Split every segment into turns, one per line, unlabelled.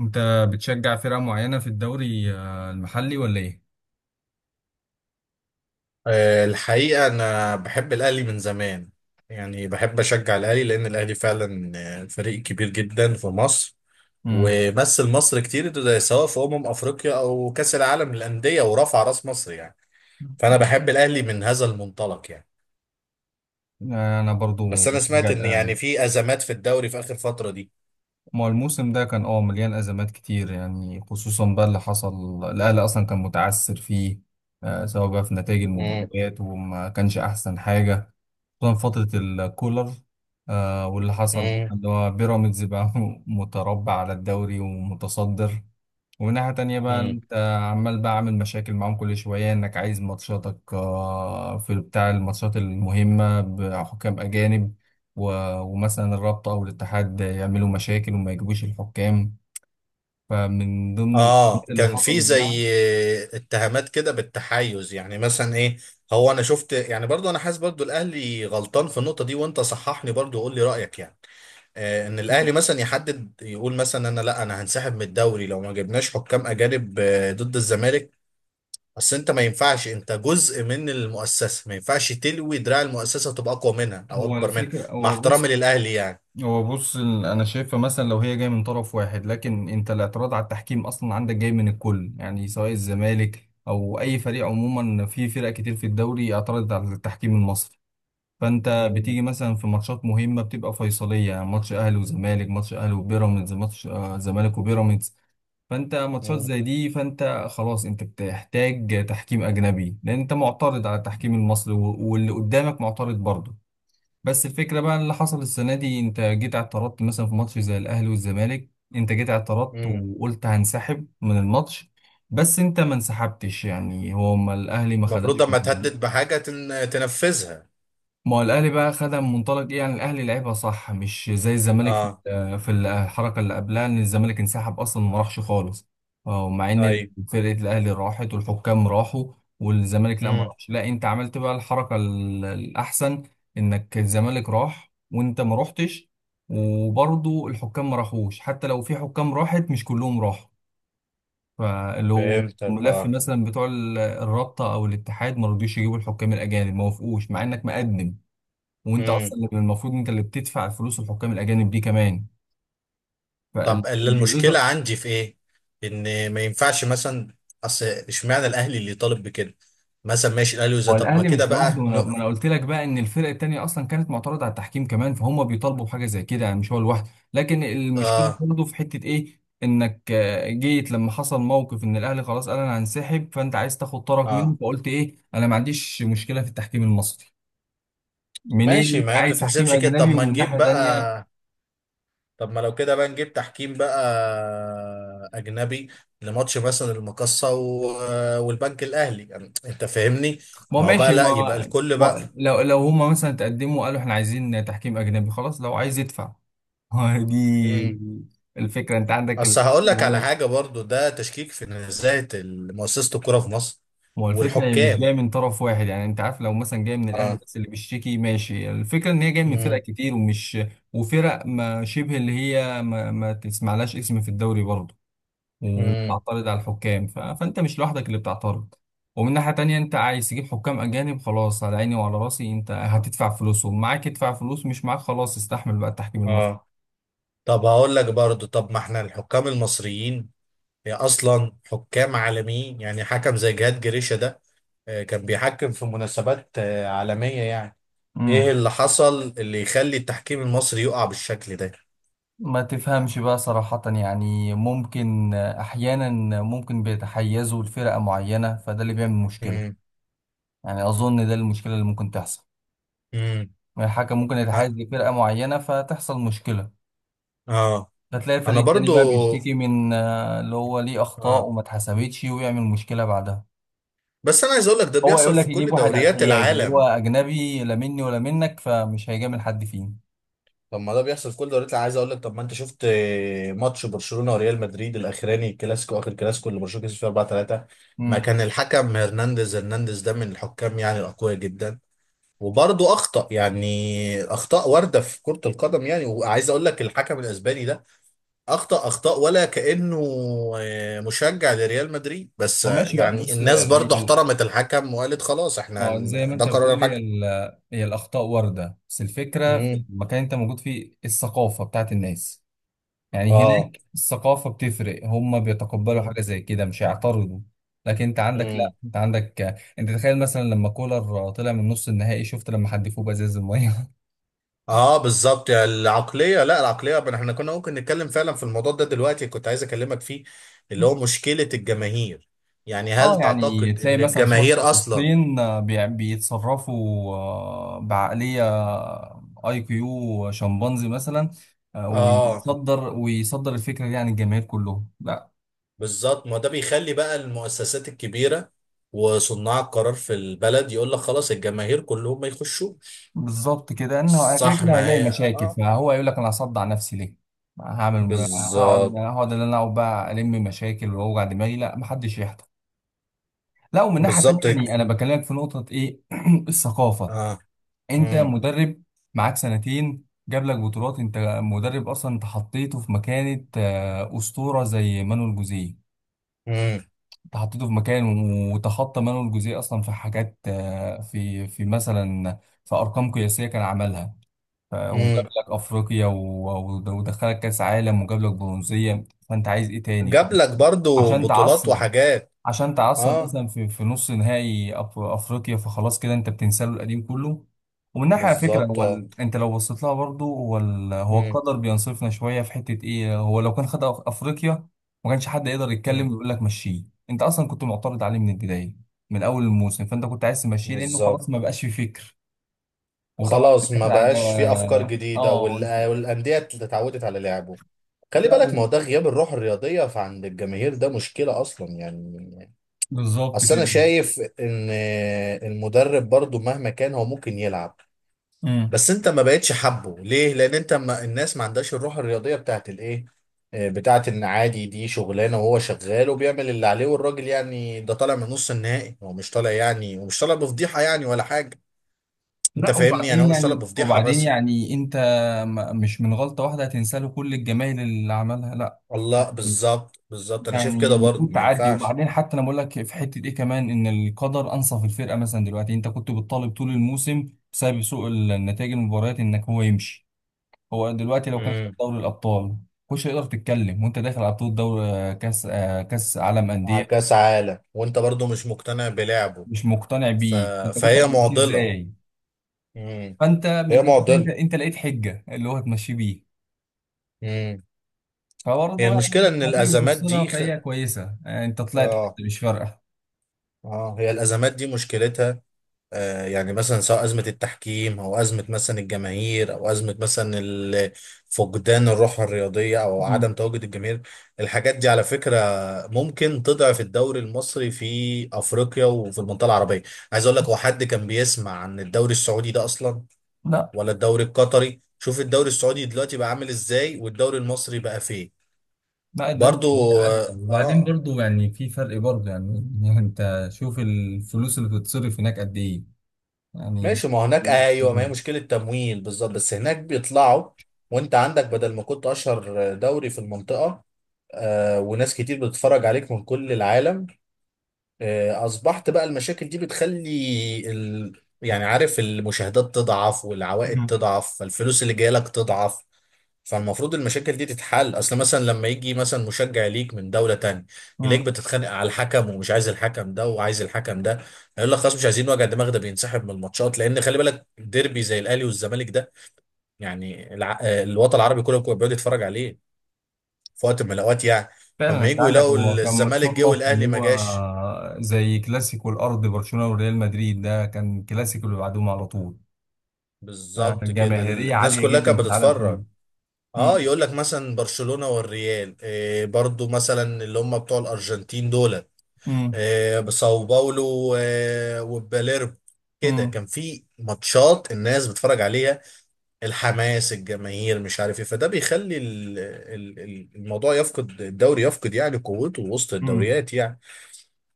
انت بتشجع فرقة معينة في الدوري المحلي ولا ايه؟
الحقيقة أنا بحب الأهلي من زمان، يعني بحب أشجع الأهلي لأن الأهلي فعلا فريق كبير جدا في مصر،
امم.
ومثل مصر كتير ده سواء في أمم أفريقيا أو كأس العالم للأندية ورفع رأس مصر يعني. فأنا بحب الأهلي من هذا المنطلق يعني.
انا برضو
بس أنا
بشجع
سمعت إن
الاهلي.
يعني في أزمات في الدوري في آخر فترة دي.
ما هو الموسم ده كان مليان ازمات كتير، يعني خصوصا بقى اللي حصل الاهلي اصلا كان متعثر فيه، سواء بقى في نتائج
مم.
المباريات وما كانش احسن حاجة، خصوصا فترة الكولر، واللي حصل
مم.
اللي هو بيراميدز بقى متربع على الدوري ومتصدر. ومن ناحية تانية بقى
مم.
انت عمال بقى عامل مشاكل معاهم كل شوية، انك عايز ماتشاتك في بتاع الماتشات المهمة بحكام أجانب، ومثلا الرابطة أو الاتحاد يعملوا مشاكل وما يجيبوش الحكام. فمن ضمن
اه،
الحاجات اللي
كان في
حصلت بقى،
زي اتهامات كده بالتحيز، يعني مثلا ايه؟ هو انا شفت يعني، برضو انا حاسس برضو الاهلي غلطان في النقطه دي، وانت صححني برضو وقول لي رايك يعني. ان الاهلي مثلا يحدد يقول مثلا انا، لا، انا هنسحب من الدوري لو ما جبناش حكام اجانب ضد الزمالك. بس انت ما ينفعش، انت جزء من المؤسسه، ما ينفعش تلوي دراع المؤسسه تبقى اقوى منها او
هو
اكبر منها،
الفكرة.
مع
هو
احترامي
بص
للاهلي يعني.
هو بص ال- أنا شايفها مثلا لو هي جاية من طرف واحد، لكن أنت الاعتراض على التحكيم أصلا عندك جاي من الكل، يعني سواء الزمالك أو أي فريق. عموما في فرق كتير في الدوري اعترضت على التحكيم المصري. فانت
مم.
بتيجي مثلا في ماتشات مهمه بتبقى فيصليه، يعني ماتش اهلي وزمالك، ماتش اهلي وبيراميدز، ماتش زمالك وبيراميدز. فانت ماتشات
مم.
زي دي، فانت خلاص انت بتحتاج تحكيم اجنبي، لان انت معترض على التحكيم المصري، واللي قدامك معترض برضه. بس الفكره بقى اللي حصل السنه دي، انت جيت اعترضت مثلا في ماتش زي الاهلي والزمالك، انت جيت اعترضت
مم.
وقلت هنسحب من الماتش. بس انت ما انسحبتش، يعني هو ما الاهلي ما خدش.
المفروض لما تهدد
مم.
بحاجه تنفذها.
ما هو الاهلي بقى خدها من منطلق ايه؟ يعني الاهلي لعبها صح، مش زي الزمالك في
اه.
في الحركه اللي قبلها، ان الزمالك انسحب اصلا ما راحش خالص. اه مع ان
ايوه.
فرقه الاهلي راحت والحكام راحوا، والزمالك لا ما
امم.
راحش. لا انت عملت بقى الحركه الاحسن، انك الزمالك راح وانت ما رحتش. وبرضه الحكام ما راحوش، حتى لو في حكام راحت مش كلهم راحوا. فاللي هو
فهمتك.
ملف
اه.
مثلا بتوع الرابطه او الاتحاد ما رضيوش يجيبوا الحكام الاجانب، ما وافقوش مع انك مقدم، وانت
امم.
اصلا اللي المفروض انت اللي بتدفع الفلوس الحكام الاجانب دي كمان.
طب المشكله
فالوزر.
عندي في ايه؟ ان ما ينفعش مثلا، اصل اشمعنى الاهلي اللي طالب بكده؟ مثلا ماشي الاهلي وزي،
هو
طب ما
الاهلي
كده
مش لوحده،
بقى
ما انا ما
نو.
أنا قلت لك بقى ان الفرق التانيه اصلا كانت معترضه على التحكيم كمان، فهم بيطالبوا بحاجه زي كده، يعني مش هو لوحده. لكن المشكله
اه
برضه في حته ايه، انك جيت لما حصل موقف ان الاهلي خلاص قال انا هنسحب، فانت عايز تاخد طرف منه
اه،
فقلت ايه، انا ما عنديش مشكله في التحكيم المصري. منين
ماشي،
انت
ما هي
عايز تحكيم
بتتحسبش كده. طب
اجنبي؟
ما
ومن
نجيب
ناحيه
بقى،
تانيه
طب ما لو كده بقى نجيب تحكيم بقى اجنبي لماتش مثلا المقصه والبنك الاهلي، يعني انت فاهمني.
ما
ما هو بقى
ماشي،
لا، يبقى
ما,
الكل بقى.
ما لو هما مثلا تقدموا قالوا احنا عايزين تحكيم اجنبي، خلاص لو عايز يدفع. دي الفكره. انت عندك
اصل هقول لك
بقول
على
لك،
حاجه برضو، ده تشكيك في نزاهه مؤسسه الكوره في مصر
ما هو الفكره هي مش
والحكام.
جايه من طرف واحد. يعني انت عارف لو مثلا جايه من الاهلي
اه.
بس اللي بيشتكي ماشي، الفكره ان هي جايه من فرق
مم.
كتير، ومش وفرق ما شبه اللي هي ما تسمعلهاش اسم في الدوري برضه
مم.
بتعترض على الحكام. فانت مش لوحدك اللي بتعترض. ومن ناحية تانية انت عايز تجيب حكام اجانب، خلاص على عيني وعلى راسي، انت هتدفع فلوسهم، معاك ادفع، فلوس مش معاك خلاص استحمل بقى التحكيم المصري.
اه. طب هقول لك برضو، طب ما احنا الحكام المصريين هي اصلا حكام عالميين، يعني حكم زي جهاد جريشة ده كان بيحكم في مناسبات عالمية يعني. ايه
امم.
اللي حصل اللي يخلي التحكيم المصري يقع بالشكل ده؟
ما تفهمش بقى صراحة، يعني ممكن أحيانا ممكن بيتحيزوا لفرقة معينة، فده اللي بيعمل مشكلة.
امم.
يعني أظن ده المشكلة اللي ممكن تحصل.
امم.
يعني الحكم ممكن
اه.
يتحيز لفرقة معينة فتحصل مشكلة،
آه.
فتلاقي
انا
الفريق التاني
برضو،
بقى بيشتكي من اللي هو ليه أخطاء
اه،
وما اتحسبتش ويعمل مشكلة بعدها.
بس انا عايز اقول لك ده
هو
بيحصل
يقول لك
في كل
يجيب واحد على
دوريات
الحياد اللي هو
العالم.
اجنبي، لا مني ولا منك، فمش هيجامل حد فيه.
طب ما ده بيحصل في كل دوريات العالم. عايز اقول لك، طب ما انت شفت ماتش برشلونه وريال مدريد الاخراني الكلاسيكو، اخر كلاسيكو اللي برشلونه كسب فيه 4-3، ما
امم.
كان الحكم هرنانديز. هرنانديز ده من الحكام يعني الاقوياء جدا، وبرضه اخطا يعني، اخطاء وارده في كره القدم يعني. وعايز اقول لك الحكم الاسباني ده اخطا اخطاء، ولا كانه مشجع لريال مدريد، بس
هو ماشي بقى،
يعني
بص
الناس برضه احترمت الحكم وقالت خلاص
ما
احنا
هو زي ما
ده
انت
قرار
بتقول لي، هي
الحكم.
ال- هي الاخطاء وارده. بس الفكره في
امم.
المكان اللي انت موجود فيه الثقافه بتاعت الناس. يعني
اه.
هناك الثقافه بتفرق، هم بيتقبلوا حاجه زي كده مش هيعترضوا. لكن انت عندك
امم.
لا، انت عندك انت تخيل مثلا لما كولر طلع من نص النهائي، شفت لما حدفوه بازاز الميه.
اه بالظبط، يعني العقليه، لا، العقليه احنا كنا ممكن نتكلم فعلا في الموضوع ده دلوقتي، كنت عايز اكلمك فيه، اللي هو مشكله الجماهير. يعني
اه
هل
يعني
تعتقد
تلاقي
ان
مثلا شخص
الجماهير اصلا؟
شخصين، بيتصرفوا بعقلية IQ شمبانزي مثلا،
اه
ويصدر الفكرة دي عن الجماهير كلهم لا.
بالظبط، ما ده بيخلي بقى المؤسسات الكبيره وصناع القرار في البلد يقول لك خلاص الجماهير كلهم ما يخشوش.
بالظبط كده، انه كده
صح،
كده
ما
هيلاقي
هي
مشاكل،
اه.
فهو يقول لك انا هصدع نفسي ليه؟ هعمل هقعد
بالظبط.
هقعد ان انا اقعد بقى الم مشاكل واوجع دماغي، لا محدش يحضر. لا ومن ناحية تانية
بالظبط.
يعني انا بكلمك في نقطة ايه الثقافة.
اه.
انت
امم.
مدرب معاك سنتين جاب لك بطولات. انت مدرب اصلا، انت حطيته في مكانة اسطورة زي مانويل جوزيه.
امم.
انت حطيته في مكان وتخطى مانويل جوزيه اصلا في حاجات، في مثلا في ارقام قياسية كان عملها. وجاب
امم.
لك افريقيا و- و- ودخلك كاس عالم وجاب لك برونزية. فانت عايز ايه تاني
جاب لك برضو
عشان
بطولات
تعصر،
وحاجات.
عشان تعثر
اه
مثلا في نص نهائي افريقيا؟ فخلاص كده انت بتنسى له القديم كله. ومن ناحيه على فكره
بالظبط.
هو انت لو بصيت لها برضه، هو هو
اه.
القدر بينصفنا شويه في حته ايه. هو لو كان خد افريقيا ما كانش حد يقدر يتكلم
مم.
ويقول لك مشيه. انت اصلا كنت معترض عليه من البدايه من اول الموسم، فانت كنت عايز تمشيه لانه
بالظبط.
خلاص ما بقاش في فكر. وطبعا
خلاص
داخل
ما
على.
بقاش في افكار جديده
اه.
والانديه اتعودت على لعبه. خلي
لا
بالك، ما هو ده غياب الروح الرياضيه فعند الجماهير، ده مشكله اصلا يعني.
بالظبط
اصل انا
كده.
شايف ان المدرب برضو مهما كان هو ممكن يلعب،
امم.
بس انت ما بقتش حابه ليه لان انت، ما الناس ما عندهاش الروح الرياضيه بتاعت الايه، بتاعت ان عادي دي شغلانه وهو شغال وبيعمل اللي عليه، والراجل يعني ده طالع من نص النهائي، هو مش طالع يعني، ومش طالع بفضيحه يعني ولا حاجه. انت
لا
فاهمني،
وبعدين
انا مش طالب
يعني
بفضيحه مثلا.
انت مش من غلطة واحدة هتنسى له كل الجمايل اللي عملها لا.
الله،
يعني
بالظبط، بالظبط، انا شايف
يعني
كده برضه
المفروض
ما
تعدي.
ينفعش.
وبعدين حتى انا بقول لك في حتة ايه كمان، ان القدر انصف الفرقة مثلا دلوقتي. انت كنت بتطالب طول الموسم بسبب سوء النتائج المباريات انك هو يمشي. هو دلوقتي لو كان خد
امم.
دوري الابطال مش هيقدر تتكلم، وانت داخل على بطولة دوري، كاس، كاس عالم
على
أندية،
كاس عالم وانت برضه مش مقتنع بلعبه.
مش مقتنع
ف...
بيه. انت كنت
فهي
هتمشيه
معضله.
ازاي؟
امم.
فانت
هي
من ناحية انت
معضله.
انت لقيت حجة اللي هو هتمشيه بيه.
امم.
فبرضه
هي المشكله
يعني
ان
هتيجي
الازمات
بتخسرها،
دي
فهي كويسة. يعني انت طلعت
اه،
حتى مش فارقة.
اه، هي الازمات دي مشكلتها يعني مثلا سواء أزمة التحكيم أو أزمة مثلا الجماهير أو أزمة مثلا فقدان الروح الرياضية أو
مم.
عدم تواجد الجماهير. الحاجات دي على فكرة ممكن تضعف الدوري المصري في أفريقيا وفي المنطقة العربية. عايز أقول لك، هو حد كان بيسمع عن الدوري السعودي ده أصلا؟
لا،
ولا الدوري القطري؟ شوف الدوري السعودي دلوقتي بقى عامل إزاي والدوري المصري بقى فين.
لا الدوري
برضو
السعودي
آه،
عدى. وبعدين
آه،
برضه يعني في فرق برضه يعني، يعني انت شوف الفلوس اللي بتتصرف هناك قد ايه. يعني.
ماشي. ما هو هناك ايوه، ما هي
مم.
مشكله تمويل بالظبط، بس هناك بيطلعوا. وانت عندك، بدل ما كنت اشهر دوري في المنطقه وناس كتير بتتفرج عليك من كل العالم. اصبحت بقى المشاكل دي بتخلي يعني عارف المشاهدات تضعف والعوائد تضعف فالفلوس اللي جايه لك تضعف. فالمفروض المشاكل دي تتحل، اصل مثلا لما يجي مثلا مشجع ليك من دولة تانية، يلاقيك
مم.
بتتخانق على الحكم ومش عايز الحكم ده وعايز الحكم ده، هيقول لك خلاص مش عايزين وجع دماغ. ده بينسحب من الماتشات، لان خلي بالك ديربي زي الاهلي والزمالك ده يعني الوطن العربي كله بيبقى بيقعد يتفرج عليه في وقت من الاوقات يعني.
فعلا
فلما
انت
يجوا
عندك
يلاقوا
هو كان
الزمالك جه
متصنف اللي
والاهلي ما
هو
جاش.
زي كلاسيكو الارض، برشلونة وريال مدريد. ده كان كلاسيكو اللي بعدهم على طول،
بالظبط كده،
جماهيرية
الناس
عالية
كلها
جدا
كانت
في العالم
بتتفرج.
كله.
اه،
مم.
يقول لك مثلا برشلونة والريال، إيه برضو مثلا اللي هم بتوع الارجنتين دول،
مم.
بساو باولو وباليرب، كده
مم.
كان في ماتشات الناس بتتفرج عليها، الحماس، الجماهير، مش عارف ايه، فده بيخلي الموضوع يفقد الدوري، يفقد يعني قوته وسط
مم.
الدوريات يعني.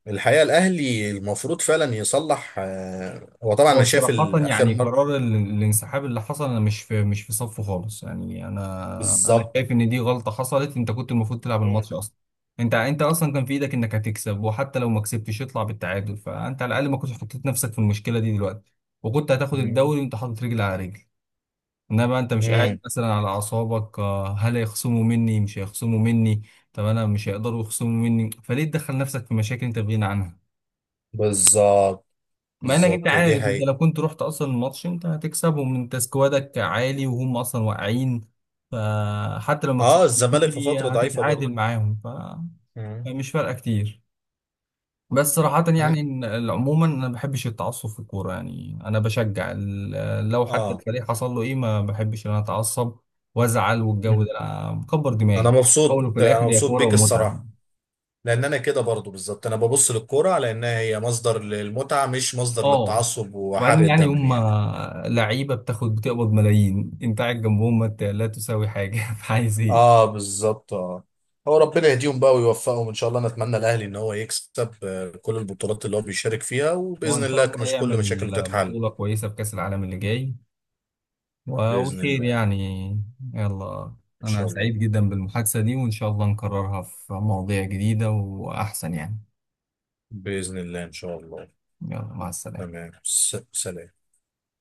الحقيقة الاهلي المفروض فعلا يصلح، هو طبعا
هو
انا شايف
بصراحة
اخر
يعني
مرة.
قرار الانسحاب اللي حصل انا مش في مش في صفه خالص. يعني انا انا
بالظبط.
شايف ان دي غلطة حصلت، انت كنت المفروض تلعب
مم.
الماتش اصلا. انت انت اصلا كان في ايدك انك هتكسب، وحتى لو ما كسبتش يطلع بالتعادل، فانت على الاقل ما كنتش حطيت نفسك في المشكلة دي دلوقتي، وكنت هتاخد
مم.
الدوري وانت حاطط رجل على رجل. انما انت مش قاعد
مم.
مثلا على اعصابك، هل هيخصموا مني مش هيخصموا مني. طب انا مش هيقدروا يخصموا مني فليه تدخل نفسك في مشاكل انت في غنى عنها؟
بالظبط.
مع انك انت
بالظبط، دي
عارف انت
حقيقة.
لو كنت رحت اصلا الماتش انت هتكسبهم، انت سكوادك عالي وهم اصلا واقعين. فحتى لو ما
اه،
كسبتش
الزمالك في فترة ضعيفة برضه.
هتتعادل معاهم.
مم.
فمش فارقه كتير. بس صراحة يعني
هن-
عموما انا ما بحبش التعصب في الكورة. يعني انا بشجع لو حتى
اه،
الفريق حصل له ايه، ما بحبش ان انا اتعصب وازعل، والجو ده أنا مكبر دماغي
انا
في الاول
مبسوط،
وفي
انا
الاخر هي
مبسوط
كورة
بيك
ومتعة.
الصراحه، لان انا كده برضو بالظبط، انا ببص للكوره على انها هي مصدر للمتعه مش مصدر
اه
للتعصب
وبعدين
وحرق
يعني
الدم
هم
يعني.
لعيبه بتاخد بتقبض ملايين، انت قاعد جنبهم ما انت لا تساوي حاجه فعايز ايه؟
اه بالظبط. اه، هو ربنا يهديهم بقى ويوفقهم ان شاء الله، نتمنى الاهلي ان هو يكسب كل البطولات اللي هو بيشارك فيها،
هو
وباذن
ان شاء
الله
الله
مش كل
يعمل
مشاكله تتحل.
بطوله كويسه في كاس العالم اللي جاي،
باذن
وخير
الله.
يعني. يلا.
ان
انا
شاء الله.
سعيد جدا بالمحادثه دي وان شاء الله نكررها في مواضيع جديده واحسن يعني.
باذن الله. ان شاء الله.
يلا مع السلامه.
تمام. سلام.